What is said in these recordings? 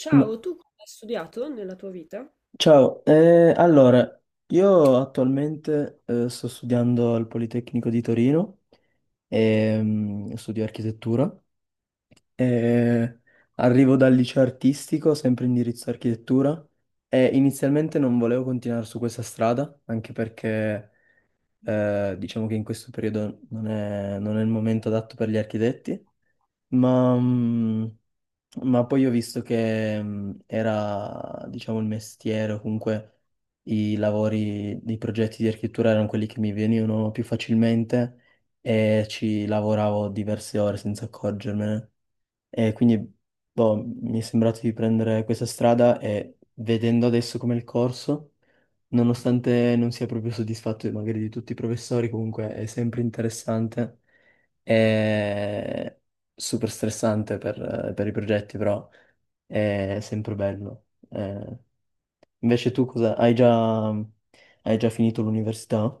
Ciao, M- tu cosa hai studiato nella tua vita? Ciao, allora, io attualmente sto studiando al Politecnico di Torino, studio architettura, e arrivo dal liceo artistico, sempre indirizzo architettura, e inizialmente non volevo continuare su questa strada, anche perché diciamo che in questo periodo non è il momento adatto per gli architetti. Ma, mm, ma poi ho visto che era, diciamo, il mestiere, o comunque i lavori, i progetti di architettura erano quelli che mi venivano più facilmente e ci lavoravo diverse ore senza accorgermene. E quindi, boh, mi è sembrato di prendere questa strada e vedendo adesso come il corso, nonostante non sia proprio soddisfatto magari di tutti i professori, comunque è sempre interessante. È super stressante per i progetti, però è sempre bello. Invece tu cosa? Hai già finito l'università?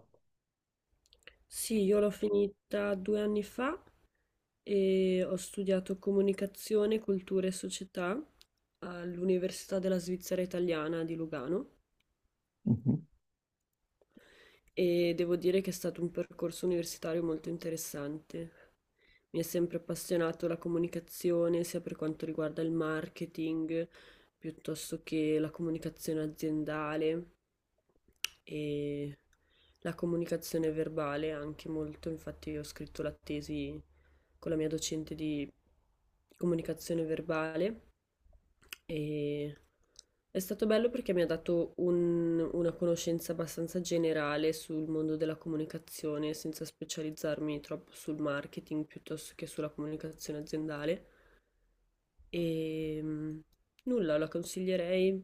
Sì, io l'ho finita 2 anni fa e ho studiato comunicazione, cultura e società all'Università della Svizzera Italiana di Lugano Mhm. e devo dire che è stato un percorso universitario molto interessante. Mi è sempre appassionato la comunicazione, sia per quanto riguarda il marketing, piuttosto che la comunicazione aziendale. E la comunicazione verbale anche molto, infatti io ho scritto la tesi con la mia docente di comunicazione verbale e è stato bello perché mi ha dato una conoscenza abbastanza generale sul mondo della comunicazione senza specializzarmi troppo sul marketing piuttosto che sulla comunicazione aziendale. E nulla, la consiglierei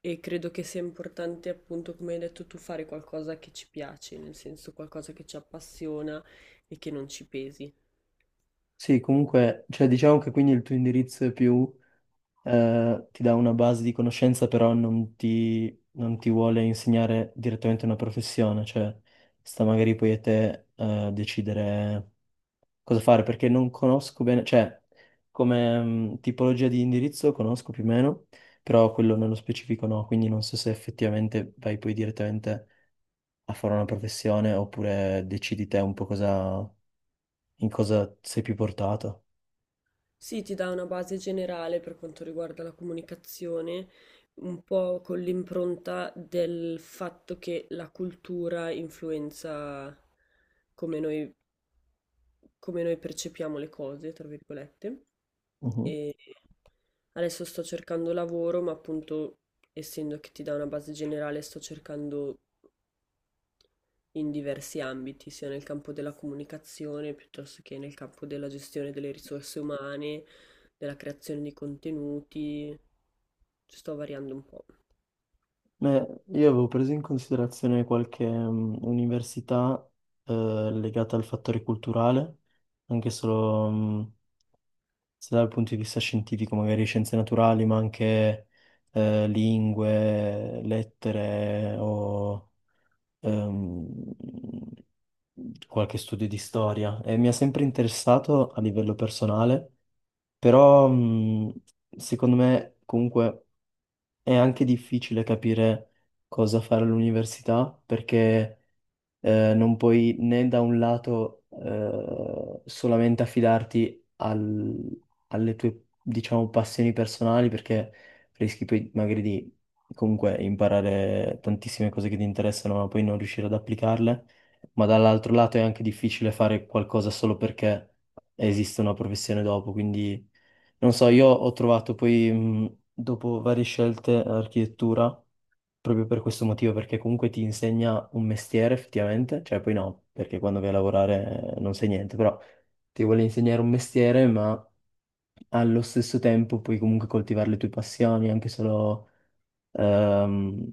e credo che sia importante, appunto, come hai detto tu, fare qualcosa che ci piace, nel senso qualcosa che ci appassiona e che non ci pesi. Sì, comunque, cioè, diciamo che quindi il tuo indirizzo è più, ti dà una base di conoscenza, però non ti vuole insegnare direttamente una professione, cioè sta magari poi a te, decidere cosa fare perché non conosco bene, cioè come tipologia di indirizzo conosco più o meno, però quello nello specifico no, quindi non so se effettivamente vai poi direttamente a fare una professione oppure decidi te un po' cosa, in cosa sei più portato. Sì, ti dà una base generale per quanto riguarda la comunicazione, un po' con l'impronta del fatto che la cultura influenza come noi come noi percepiamo le cose, tra virgolette. Mhm. E adesso sto cercando lavoro, ma appunto, essendo che ti dà una base generale, sto cercando in diversi ambiti, sia nel campo della comunicazione, piuttosto che nel campo della gestione delle risorse umane, della creazione di contenuti. Ci sto variando un po'. Beh, io avevo preso in considerazione qualche università eh, legata al fattore culturale, anche solo sia dal punto di vista scientifico, magari scienze naturali, ma anche lingue, lettere o ehm, qualche studio di storia. E mi ha sempre interessato a livello personale, però secondo me comunque è anche difficile capire cosa fare all'università perché non puoi né da un lato solamente affidarti alle tue, diciamo, passioni personali perché rischi poi magari di comunque imparare tantissime cose che ti interessano ma poi non riuscire ad applicarle, ma dall'altro lato è anche difficile fare qualcosa solo perché esiste una professione dopo. Quindi non so, io ho trovato poi dopo varie scelte architettura proprio per questo motivo, perché comunque ti insegna un mestiere effettivamente, cioè poi no, perché quando vai a lavorare non sai niente, però ti vuole insegnare un mestiere, ma allo stesso tempo puoi comunque coltivare le tue passioni, anche solo. Ehm,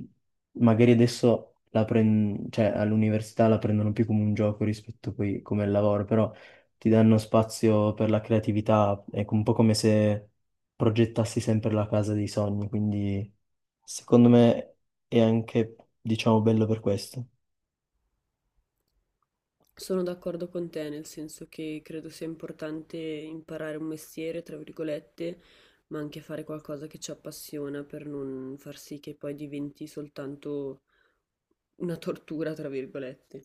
Magari adesso cioè, all'università la prendono più come un gioco rispetto poi come il lavoro, però ti danno spazio per la creatività, è un po' come se progettassi sempre la casa dei sogni, quindi secondo me è anche, diciamo, bello per questo. Sono d'accordo con te, nel senso che credo sia importante imparare un mestiere, tra virgolette, ma anche fare qualcosa che ci appassiona per non far sì che poi diventi soltanto una tortura, tra virgolette.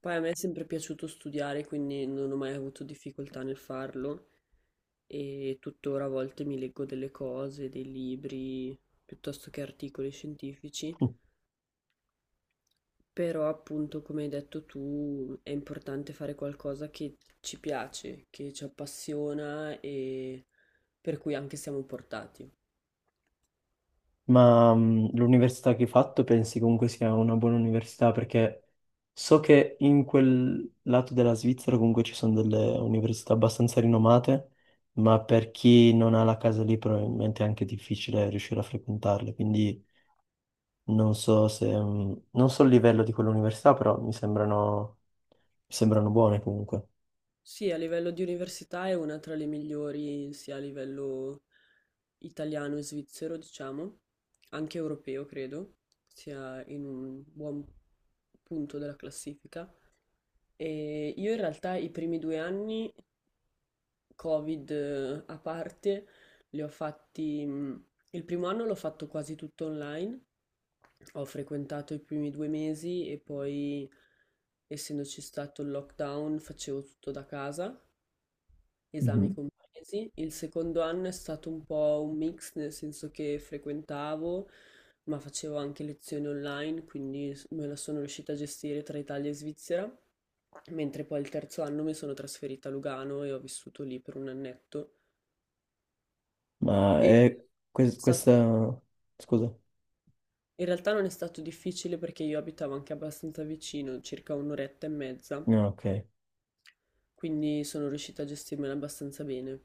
Poi a me è sempre piaciuto studiare, quindi non ho mai avuto difficoltà nel farlo e tuttora a volte mi leggo delle cose, dei libri, piuttosto che articoli scientifici, però appunto, come hai detto tu, è importante fare qualcosa che ci piace, che ci appassiona e per cui anche siamo portati. Ma l'università che hai fatto pensi comunque sia una buona università? Perché so che in quel lato della Svizzera comunque ci sono delle università abbastanza rinomate, ma per chi non ha la casa lì probabilmente è anche difficile riuscire a frequentarle. Quindi non so se, non so il livello di quell'università, però mi sembrano buone comunque. Sì, a livello di università è una tra le migliori, sia a livello italiano e svizzero, diciamo, anche europeo, credo, sia in un buon punto della classifica. E io in realtà i primi 2 anni Covid a parte, li ho fatti, il primo anno l'ho fatto quasi tutto online, ho frequentato i primi 2 mesi e poi, essendoci stato il lockdown, facevo tutto da casa, esami Mhm. compresi. Il secondo anno è stato un po' un mix, nel senso che frequentavo, ma facevo anche lezioni online, quindi me la sono riuscita a gestire tra Italia e Svizzera. Mentre poi il terzo anno mi sono trasferita a Lugano e ho vissuto lì per un annetto. Ma E è è stato- questa... Scusa. In realtà non è stato difficile perché io abitavo anche abbastanza vicino, circa un'oretta e mezza, No, ok. quindi sono riuscita a gestirmela abbastanza bene.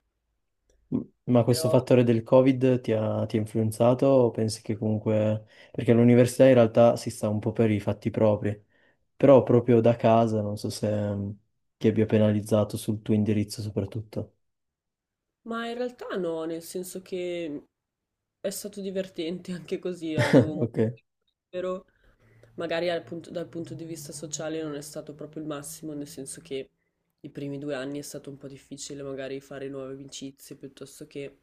Ma questo Però, fattore del Covid ti ha influenzato o pensi che comunque... Perché l'università in realtà si sta un po' per i fatti propri, però proprio da casa non so se mm, ti abbia penalizzato sul tuo indirizzo soprattutto. ma in realtà no, nel senso che è stato divertente anche così, avevo molto Ok, libero. Magari dal punto di vista sociale non è stato proprio il massimo, nel senso che i primi 2 anni è stato un po' difficile magari fare nuove amicizie piuttosto che...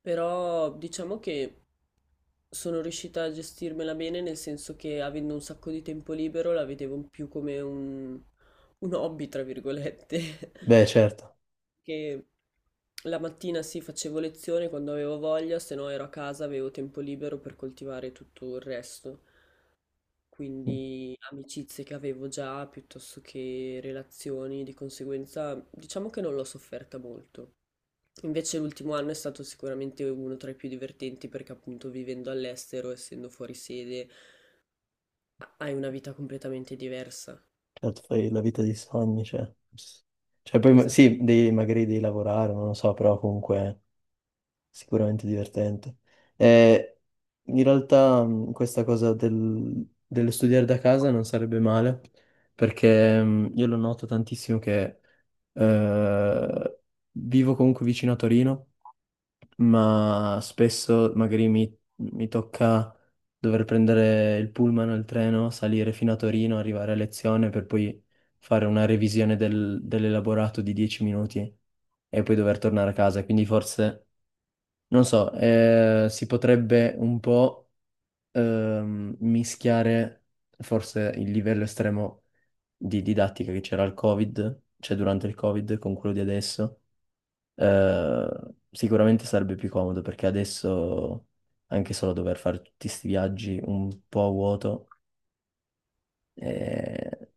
Però diciamo che sono riuscita a gestirmela bene, nel senso che avendo un sacco di tempo libero la vedevo più come un hobby, tra virgolette, beh, certo. che la mattina sì facevo lezione quando avevo voglia, se no ero a casa, avevo tempo libero per coltivare tutto il resto. Mm, Quindi amicizie che avevo già piuttosto che relazioni, di conseguenza diciamo che non l'ho sofferta molto. Invece l'ultimo anno è stato sicuramente uno tra i più divertenti perché appunto vivendo all'estero, essendo fuori sede, hai una vita completamente diversa. certo fai la vita dei sogni, cioè... Cioè poi Esatto. sì, devi, magari devi lavorare, non lo so, però comunque sicuramente divertente. Eh, In realtà questa cosa dello studiare da casa non sarebbe male, perché io lo noto tantissimo che eh, vivo comunque vicino a Torino, ma spesso magari mi tocca dover prendere il pullman o il treno, salire fino a Torino, arrivare a lezione per poi fare una revisione dell'elaborato di 10 minuti e poi dover tornare a casa. Quindi forse non so, si potrebbe un po' mischiare forse il livello estremo di didattica che c'era al Covid, cioè durante il Covid, con quello di adesso. Eh, Sicuramente sarebbe più comodo perché adesso anche solo dover fare tutti questi viaggi un po' a vuoto eh,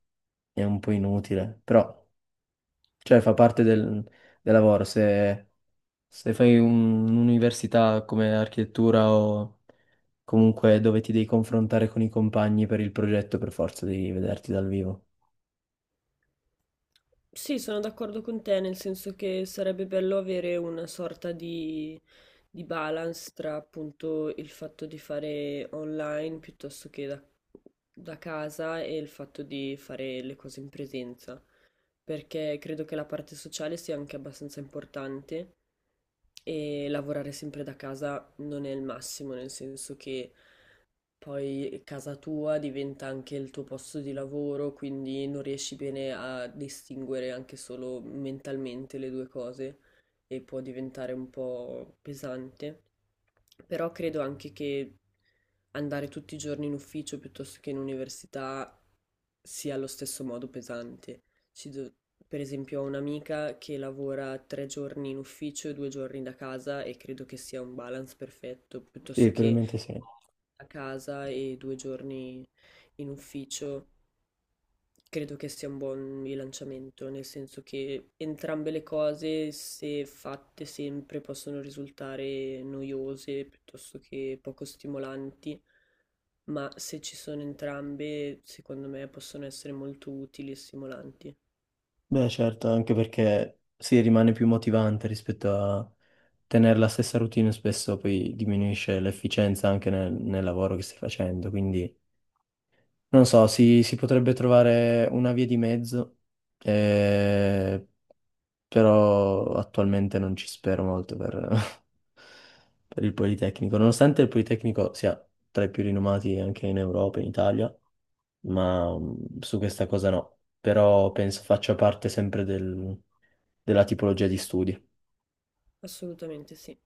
è un po' inutile, però cioè, fa parte del lavoro. Se fai un'università come architettura o comunque dove ti devi confrontare con i compagni per il progetto, per forza devi vederti dal vivo. Sì, sono d'accordo con te, nel senso che sarebbe bello avere una sorta di balance tra appunto il fatto di fare online piuttosto che da casa e il fatto di fare le cose in presenza, perché credo che la parte sociale sia anche abbastanza importante. E lavorare sempre da casa non è il massimo, nel senso che poi casa tua diventa anche il tuo posto di lavoro, quindi non riesci bene a distinguere anche solo mentalmente le due cose e può diventare un po' pesante. Però credo anche che andare tutti i giorni in ufficio piuttosto che in università sia allo stesso modo pesante. Ci do- per esempio, ho un'amica che lavora 3 giorni in ufficio e 2 giorni da casa e credo che sia un balance perfetto, Sì, piuttosto che probabilmente sì. a casa e 2 giorni in ufficio. Credo che sia un buon bilanciamento, nel senso che entrambe le cose, se fatte sempre, possono risultare noiose piuttosto che poco stimolanti, ma se ci sono entrambe, secondo me possono essere molto utili e stimolanti. Beh, certo, anche perché si rimane più motivante rispetto a tenere la stessa routine, spesso poi diminuisce l'efficienza anche nel lavoro che stai facendo, quindi non so, si potrebbe trovare una via di mezzo, eh, però attualmente non ci spero molto per, per il Politecnico, nonostante il Politecnico sia tra i più rinomati anche in Europa, in Italia. Ma su questa cosa no, però penso faccia parte sempre della tipologia di studi. Assolutamente sì.